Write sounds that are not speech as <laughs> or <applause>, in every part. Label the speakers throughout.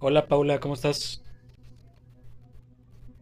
Speaker 1: Hola Paula, ¿cómo estás?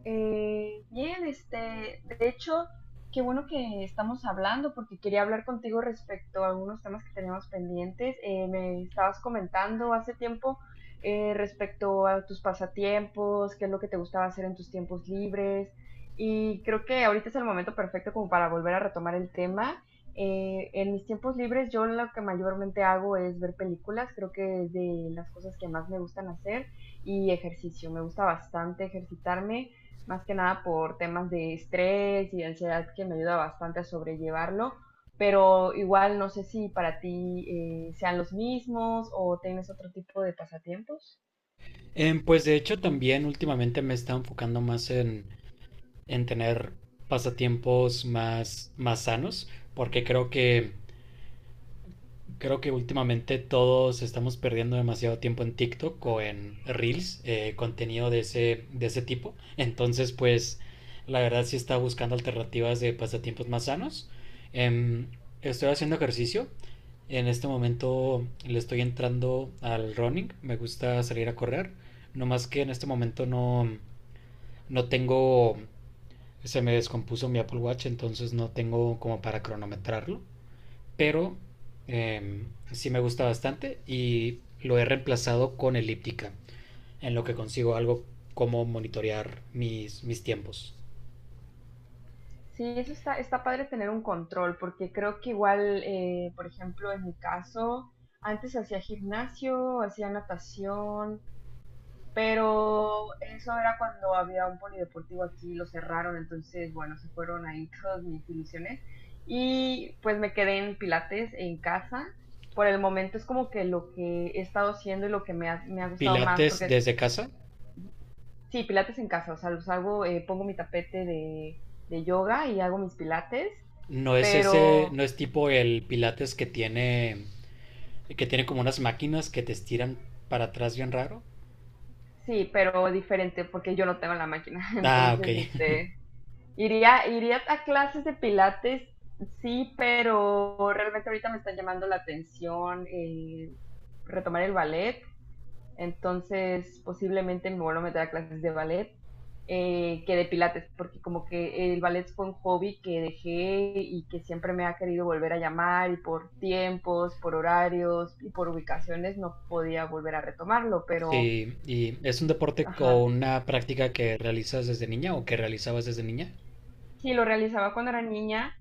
Speaker 2: Bien, este, de hecho, qué bueno que estamos hablando porque quería hablar contigo respecto a algunos temas que teníamos pendientes. Me estabas comentando hace tiempo respecto a tus pasatiempos, qué es lo que te gustaba hacer en tus tiempos libres y creo que ahorita es el momento perfecto como para volver a retomar el tema. En mis tiempos libres yo lo que mayormente hago es ver películas, creo que es de las cosas que más me gustan hacer y ejercicio. Me gusta bastante ejercitarme más que nada por temas de estrés y ansiedad que me ayuda bastante a sobrellevarlo, pero igual no sé si para ti sean los mismos o tienes otro tipo de pasatiempos.
Speaker 1: Pues de hecho también últimamente me he estado enfocando más en tener pasatiempos más sanos, porque creo que últimamente todos estamos perdiendo demasiado tiempo en TikTok o en Reels, contenido de ese tipo. Entonces, pues, la verdad sí estaba buscando alternativas de pasatiempos más sanos. Em, estoy haciendo ejercicio. En este momento le estoy entrando al running. Me gusta salir a correr. No más que en este momento no, no tengo. Se me descompuso mi Apple Watch, entonces no tengo como para cronometrarlo, pero sí me gusta bastante y lo he reemplazado con elíptica, en lo que consigo algo como monitorear mis tiempos.
Speaker 2: Sí, eso está padre tener un control, porque creo que igual, por ejemplo, en mi caso, antes hacía gimnasio, hacía natación, pero eso era cuando había un polideportivo aquí, lo cerraron, entonces, bueno, se fueron ahí <laughs> todas mis ilusiones. Y pues me quedé en Pilates en casa. Por el momento es como que lo que he estado haciendo y lo que me ha gustado más,
Speaker 1: Pilates
Speaker 2: porque
Speaker 1: desde casa,
Speaker 2: sí, Pilates en casa, o sea, los hago, pongo mi tapete de yoga y hago mis Pilates,
Speaker 1: no es ese,
Speaker 2: pero
Speaker 1: no es tipo el pilates que tiene como unas máquinas que te estiran para atrás bien raro.
Speaker 2: sí, pero diferente, porque yo no tengo la máquina, <laughs>
Speaker 1: Ah, ok.
Speaker 2: entonces,
Speaker 1: <laughs>
Speaker 2: este, iría a clases de pilates, sí, pero realmente ahorita me está llamando la atención, retomar el ballet, entonces posiblemente me vuelvo a meter a clases de ballet que de pilates, porque como que el ballet fue un hobby que dejé y que siempre me ha querido volver a llamar y por tiempos, por horarios y por ubicaciones no podía volver a retomarlo, pero
Speaker 1: Sí, y es un deporte o
Speaker 2: ajá,
Speaker 1: una práctica que realizas desde niña o que realizabas desde niña.
Speaker 2: sí lo realizaba cuando era niña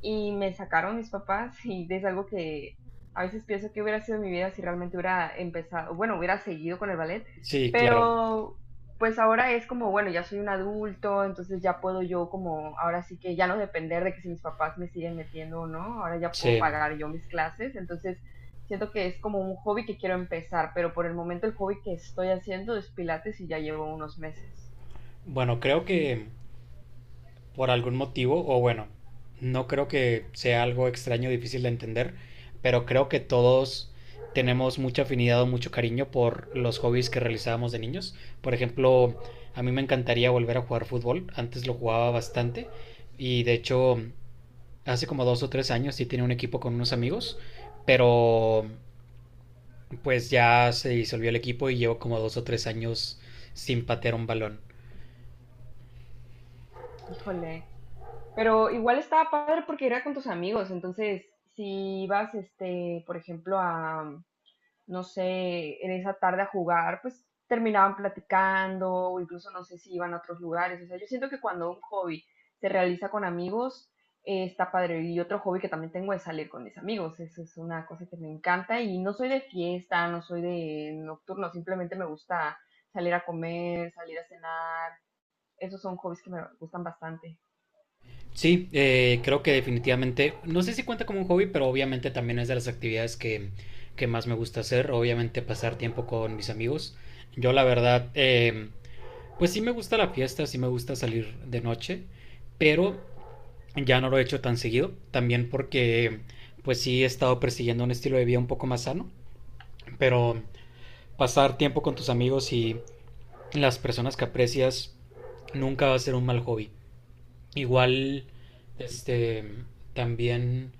Speaker 2: y me sacaron mis papás <laughs> y es algo que a veces pienso que hubiera sido mi vida si realmente hubiera empezado, bueno, hubiera seguido con el ballet,
Speaker 1: Sí, claro.
Speaker 2: pero pues ahora es como, bueno, ya soy un adulto, entonces ya puedo yo como, ahora sí que ya no depender de que si mis papás me siguen metiendo o no, ahora ya puedo
Speaker 1: Sí.
Speaker 2: pagar yo mis clases, entonces siento que es como un hobby que quiero empezar, pero por el momento el hobby que estoy haciendo es pilates y ya llevo unos meses.
Speaker 1: Bueno, creo que por algún motivo, o bueno, no creo que sea algo extraño, difícil de entender, pero creo que todos tenemos mucha afinidad o mucho cariño por los hobbies que realizábamos de niños. Por ejemplo, a mí me encantaría volver a jugar fútbol, antes lo jugaba bastante y de hecho hace como dos o tres años sí tenía un equipo con unos amigos, pero pues ya se disolvió el equipo y llevo como dos o tres años sin patear un balón.
Speaker 2: Híjole, pero igual estaba padre porque era con tus amigos, entonces si ibas, este, por ejemplo, a, no sé, en esa tarde a jugar, pues terminaban platicando o incluso no sé si iban a otros lugares. O sea, yo siento que cuando un hobby se realiza con amigos, está padre. Y otro hobby que también tengo es salir con mis amigos. Eso es una cosa que me encanta y no soy de fiesta, no soy de nocturno, simplemente me gusta salir a comer, salir a cenar. Esos son hobbies que me gustan bastante.
Speaker 1: Sí, creo que definitivamente, no sé si cuenta como un hobby, pero obviamente también es de las actividades que más me gusta hacer, obviamente pasar tiempo con mis amigos. Yo la verdad, pues sí me gusta la fiesta, sí me gusta salir de noche, pero ya no lo he hecho tan seguido, también porque pues sí he estado persiguiendo un estilo de vida un poco más sano, pero pasar tiempo con tus amigos y las personas que aprecias nunca va a ser un mal hobby. Igual, este, también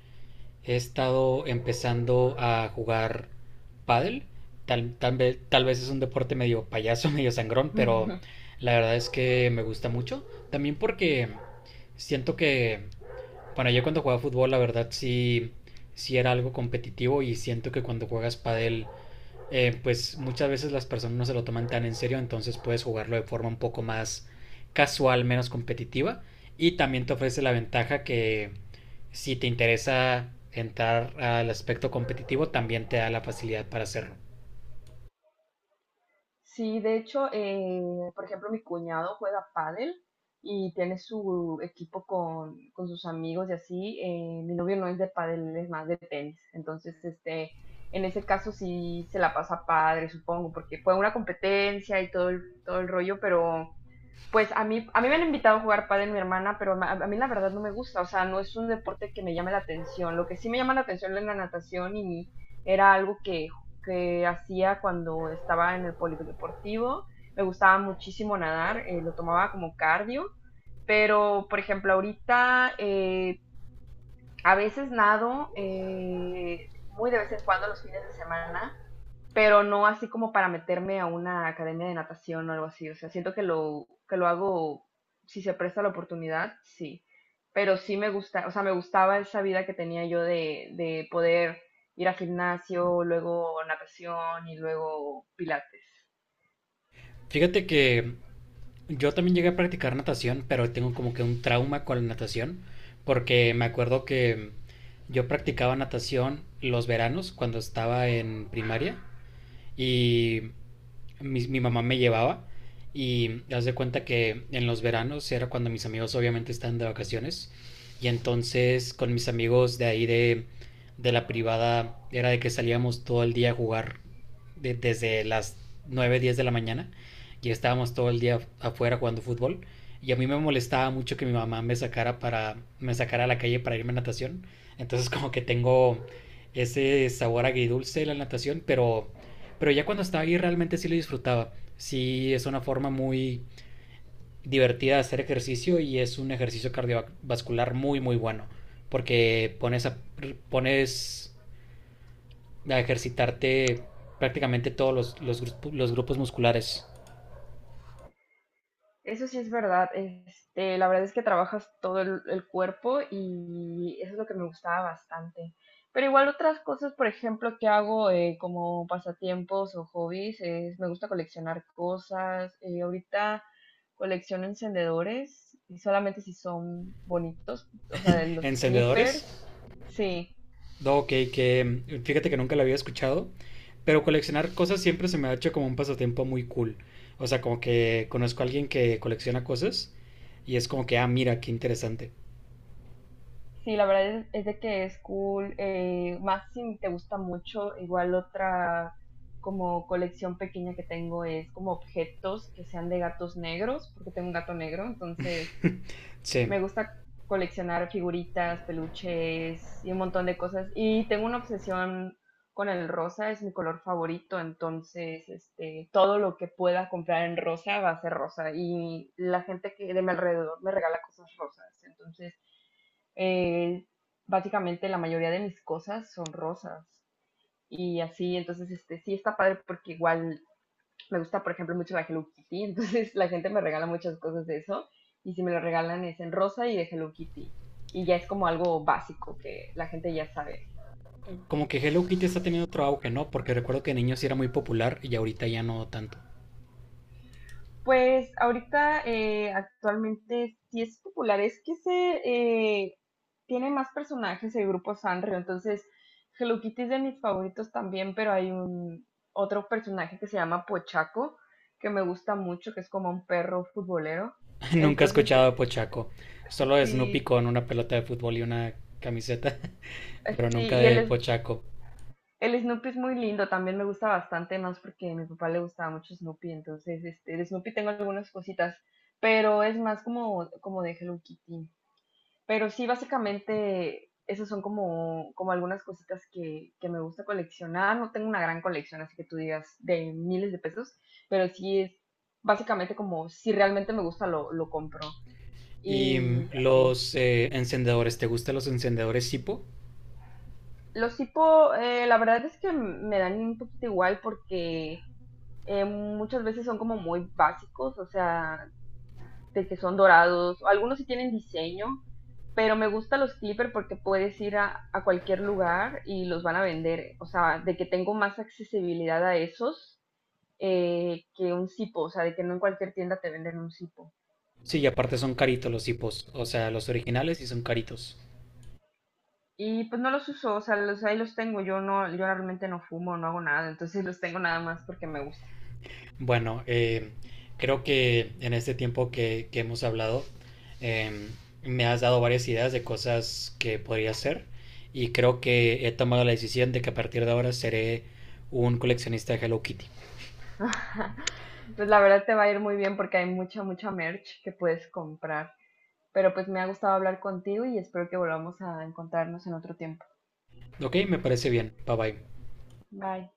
Speaker 1: he estado empezando a jugar pádel. Tal vez es un deporte medio payaso, <laughs> medio sangrón, pero
Speaker 2: <laughs>
Speaker 1: la verdad es que me gusta mucho. También porque siento que, bueno, yo cuando jugaba fútbol, la verdad sí, sí era algo competitivo y siento que cuando juegas pádel pues muchas veces las personas no se lo toman tan en serio, entonces puedes jugarlo de forma un poco más casual, menos competitiva. Y también te ofrece la ventaja que si te interesa entrar al aspecto competitivo, también te da la facilidad para hacerlo.
Speaker 2: Sí, de hecho, por ejemplo, mi cuñado juega pádel y tiene su equipo con sus amigos y así. Eh, mi novio no es de pádel, él es más de tenis. Entonces, este, en ese caso sí se la pasa padre, supongo, porque fue una competencia y todo el rollo, pero pues a a mí me han invitado a jugar pádel mi hermana, pero a mí la verdad no me gusta, o sea, no es un deporte que me llame la atención. Lo que sí me llama la atención es la natación y era algo que hacía cuando estaba en el polideportivo. Me gustaba muchísimo nadar, lo tomaba como cardio, pero por ejemplo ahorita a veces nado, muy de vez en cuando los fines de semana, pero no así como para meterme a una academia de natación o algo así. O sea, siento que que lo hago, si se presta la oportunidad, sí. Pero sí me gusta, o sea, me gustaba esa vida que tenía yo de poder ir al gimnasio, luego natación y luego pilates.
Speaker 1: Fíjate que yo también llegué a practicar natación, pero tengo como que un trauma con la natación, porque me acuerdo que yo practicaba natación los veranos cuando estaba en primaria. Y mi mamá me llevaba y haz de cuenta que en los veranos era cuando mis amigos obviamente estaban de vacaciones y entonces con mis amigos de ahí de la privada era de que salíamos todo el día a jugar desde las 9, 10 de la mañana y estábamos todo el día afuera jugando fútbol y a mí me molestaba mucho que mi mamá me sacara a la calle para irme a natación, entonces como que tengo ese sabor agridulce de la natación, pero ya cuando estaba ahí realmente sí lo disfrutaba. Sí, es una forma muy divertida de hacer ejercicio y es un ejercicio cardiovascular muy, muy bueno. Porque pones a, pones a ejercitarte prácticamente todos los grupos musculares.
Speaker 2: Eso sí es verdad. Este, la verdad es que trabajas todo el cuerpo y eso es lo que me gustaba bastante. Pero igual otras cosas, por ejemplo, que hago como pasatiempos o hobbies, es, me gusta coleccionar cosas. Eh, ahorita colecciono encendedores y solamente si son bonitos, o sea, de los
Speaker 1: Encendedores.
Speaker 2: clippers. Sí,
Speaker 1: No, ok, que fíjate que nunca lo había escuchado. Pero coleccionar cosas siempre se me ha hecho como un pasatiempo muy cool. O sea, como que conozco a alguien que colecciona cosas y es como que, ah, mira, qué interesante.
Speaker 2: sí, la verdad es de que es cool, más si te gusta mucho, igual otra como colección pequeña que tengo es como objetos que sean de gatos negros, porque tengo un gato negro, entonces
Speaker 1: <laughs> Sí.
Speaker 2: me gusta coleccionar figuritas, peluches y un montón de cosas. Y tengo una obsesión con el rosa, es mi color favorito, entonces este, todo lo que pueda comprar en rosa va a ser rosa y la gente que de mi alrededor me regala cosas rosas, entonces eh, básicamente la mayoría de mis cosas son rosas y así, entonces este sí está padre porque igual me gusta, por ejemplo, mucho la Hello Kitty, <laughs> entonces la gente me regala muchas cosas de eso y si me lo regalan es en rosa y de Hello Kitty y ya es como algo básico que la gente ya sabe.
Speaker 1: Como que Hello Kitty está teniendo otro auge, ¿no? Porque recuerdo que de niño sí era muy popular y ahorita ya no tanto.
Speaker 2: Pues ahorita actualmente sí es popular, es que se eh, tiene más personajes el grupo Sanrio, entonces Hello Kitty es de mis favoritos también, pero hay un otro personaje que se llama Pochaco, que me gusta mucho, que es como un perro futbolero.
Speaker 1: <laughs> Nunca he
Speaker 2: Entonces,
Speaker 1: escuchado a Pochaco. Solo de Snoopy
Speaker 2: sí,
Speaker 1: con una pelota de fútbol y una camiseta, <laughs> pero
Speaker 2: sí,
Speaker 1: nunca
Speaker 2: y
Speaker 1: de Pochaco.
Speaker 2: el Snoopy es muy lindo, también me gusta bastante, más porque a mi papá le gustaba mucho Snoopy, entonces este, de Snoopy tengo algunas cositas, pero es más como, como de Hello Kitty. Pero sí, básicamente, esas son como, como algunas cositas que me gusta coleccionar. No tengo una gran colección, así que tú digas de miles de pesos, pero sí es básicamente como si realmente me gusta lo compro.
Speaker 1: ¿Y
Speaker 2: Y así.
Speaker 1: los encendedores? ¿Te gustan los encendedores Zippo?
Speaker 2: Los hipo, la verdad es que me dan un poquito igual porque muchas veces son como muy básicos, o sea, de que son dorados, algunos sí tienen diseño, pero me gustan los Clipper porque puedes ir a cualquier lugar y los van a vender, o sea, de que tengo más accesibilidad a esos, que un Zipo, o sea, de que no en cualquier tienda te venden un Zipo.
Speaker 1: Sí, y aparte son caritos los Zippos. O sea, los originales y son caritos.
Speaker 2: Y pues no los uso, o sea, ahí los tengo, yo realmente no fumo, no hago nada, entonces los tengo nada más porque me gusta.
Speaker 1: Bueno, creo que en este tiempo que hemos hablado, em, me has dado varias ideas de cosas que podría hacer y creo que he tomado la decisión de que a partir de ahora seré un coleccionista de Hello Kitty.
Speaker 2: <laughs> Pues la verdad te va a ir muy bien porque hay mucha merch que puedes comprar. Pero pues me ha gustado hablar contigo y espero que volvamos a encontrarnos en otro tiempo.
Speaker 1: Ok, me parece bien. Bye bye.
Speaker 2: Bye.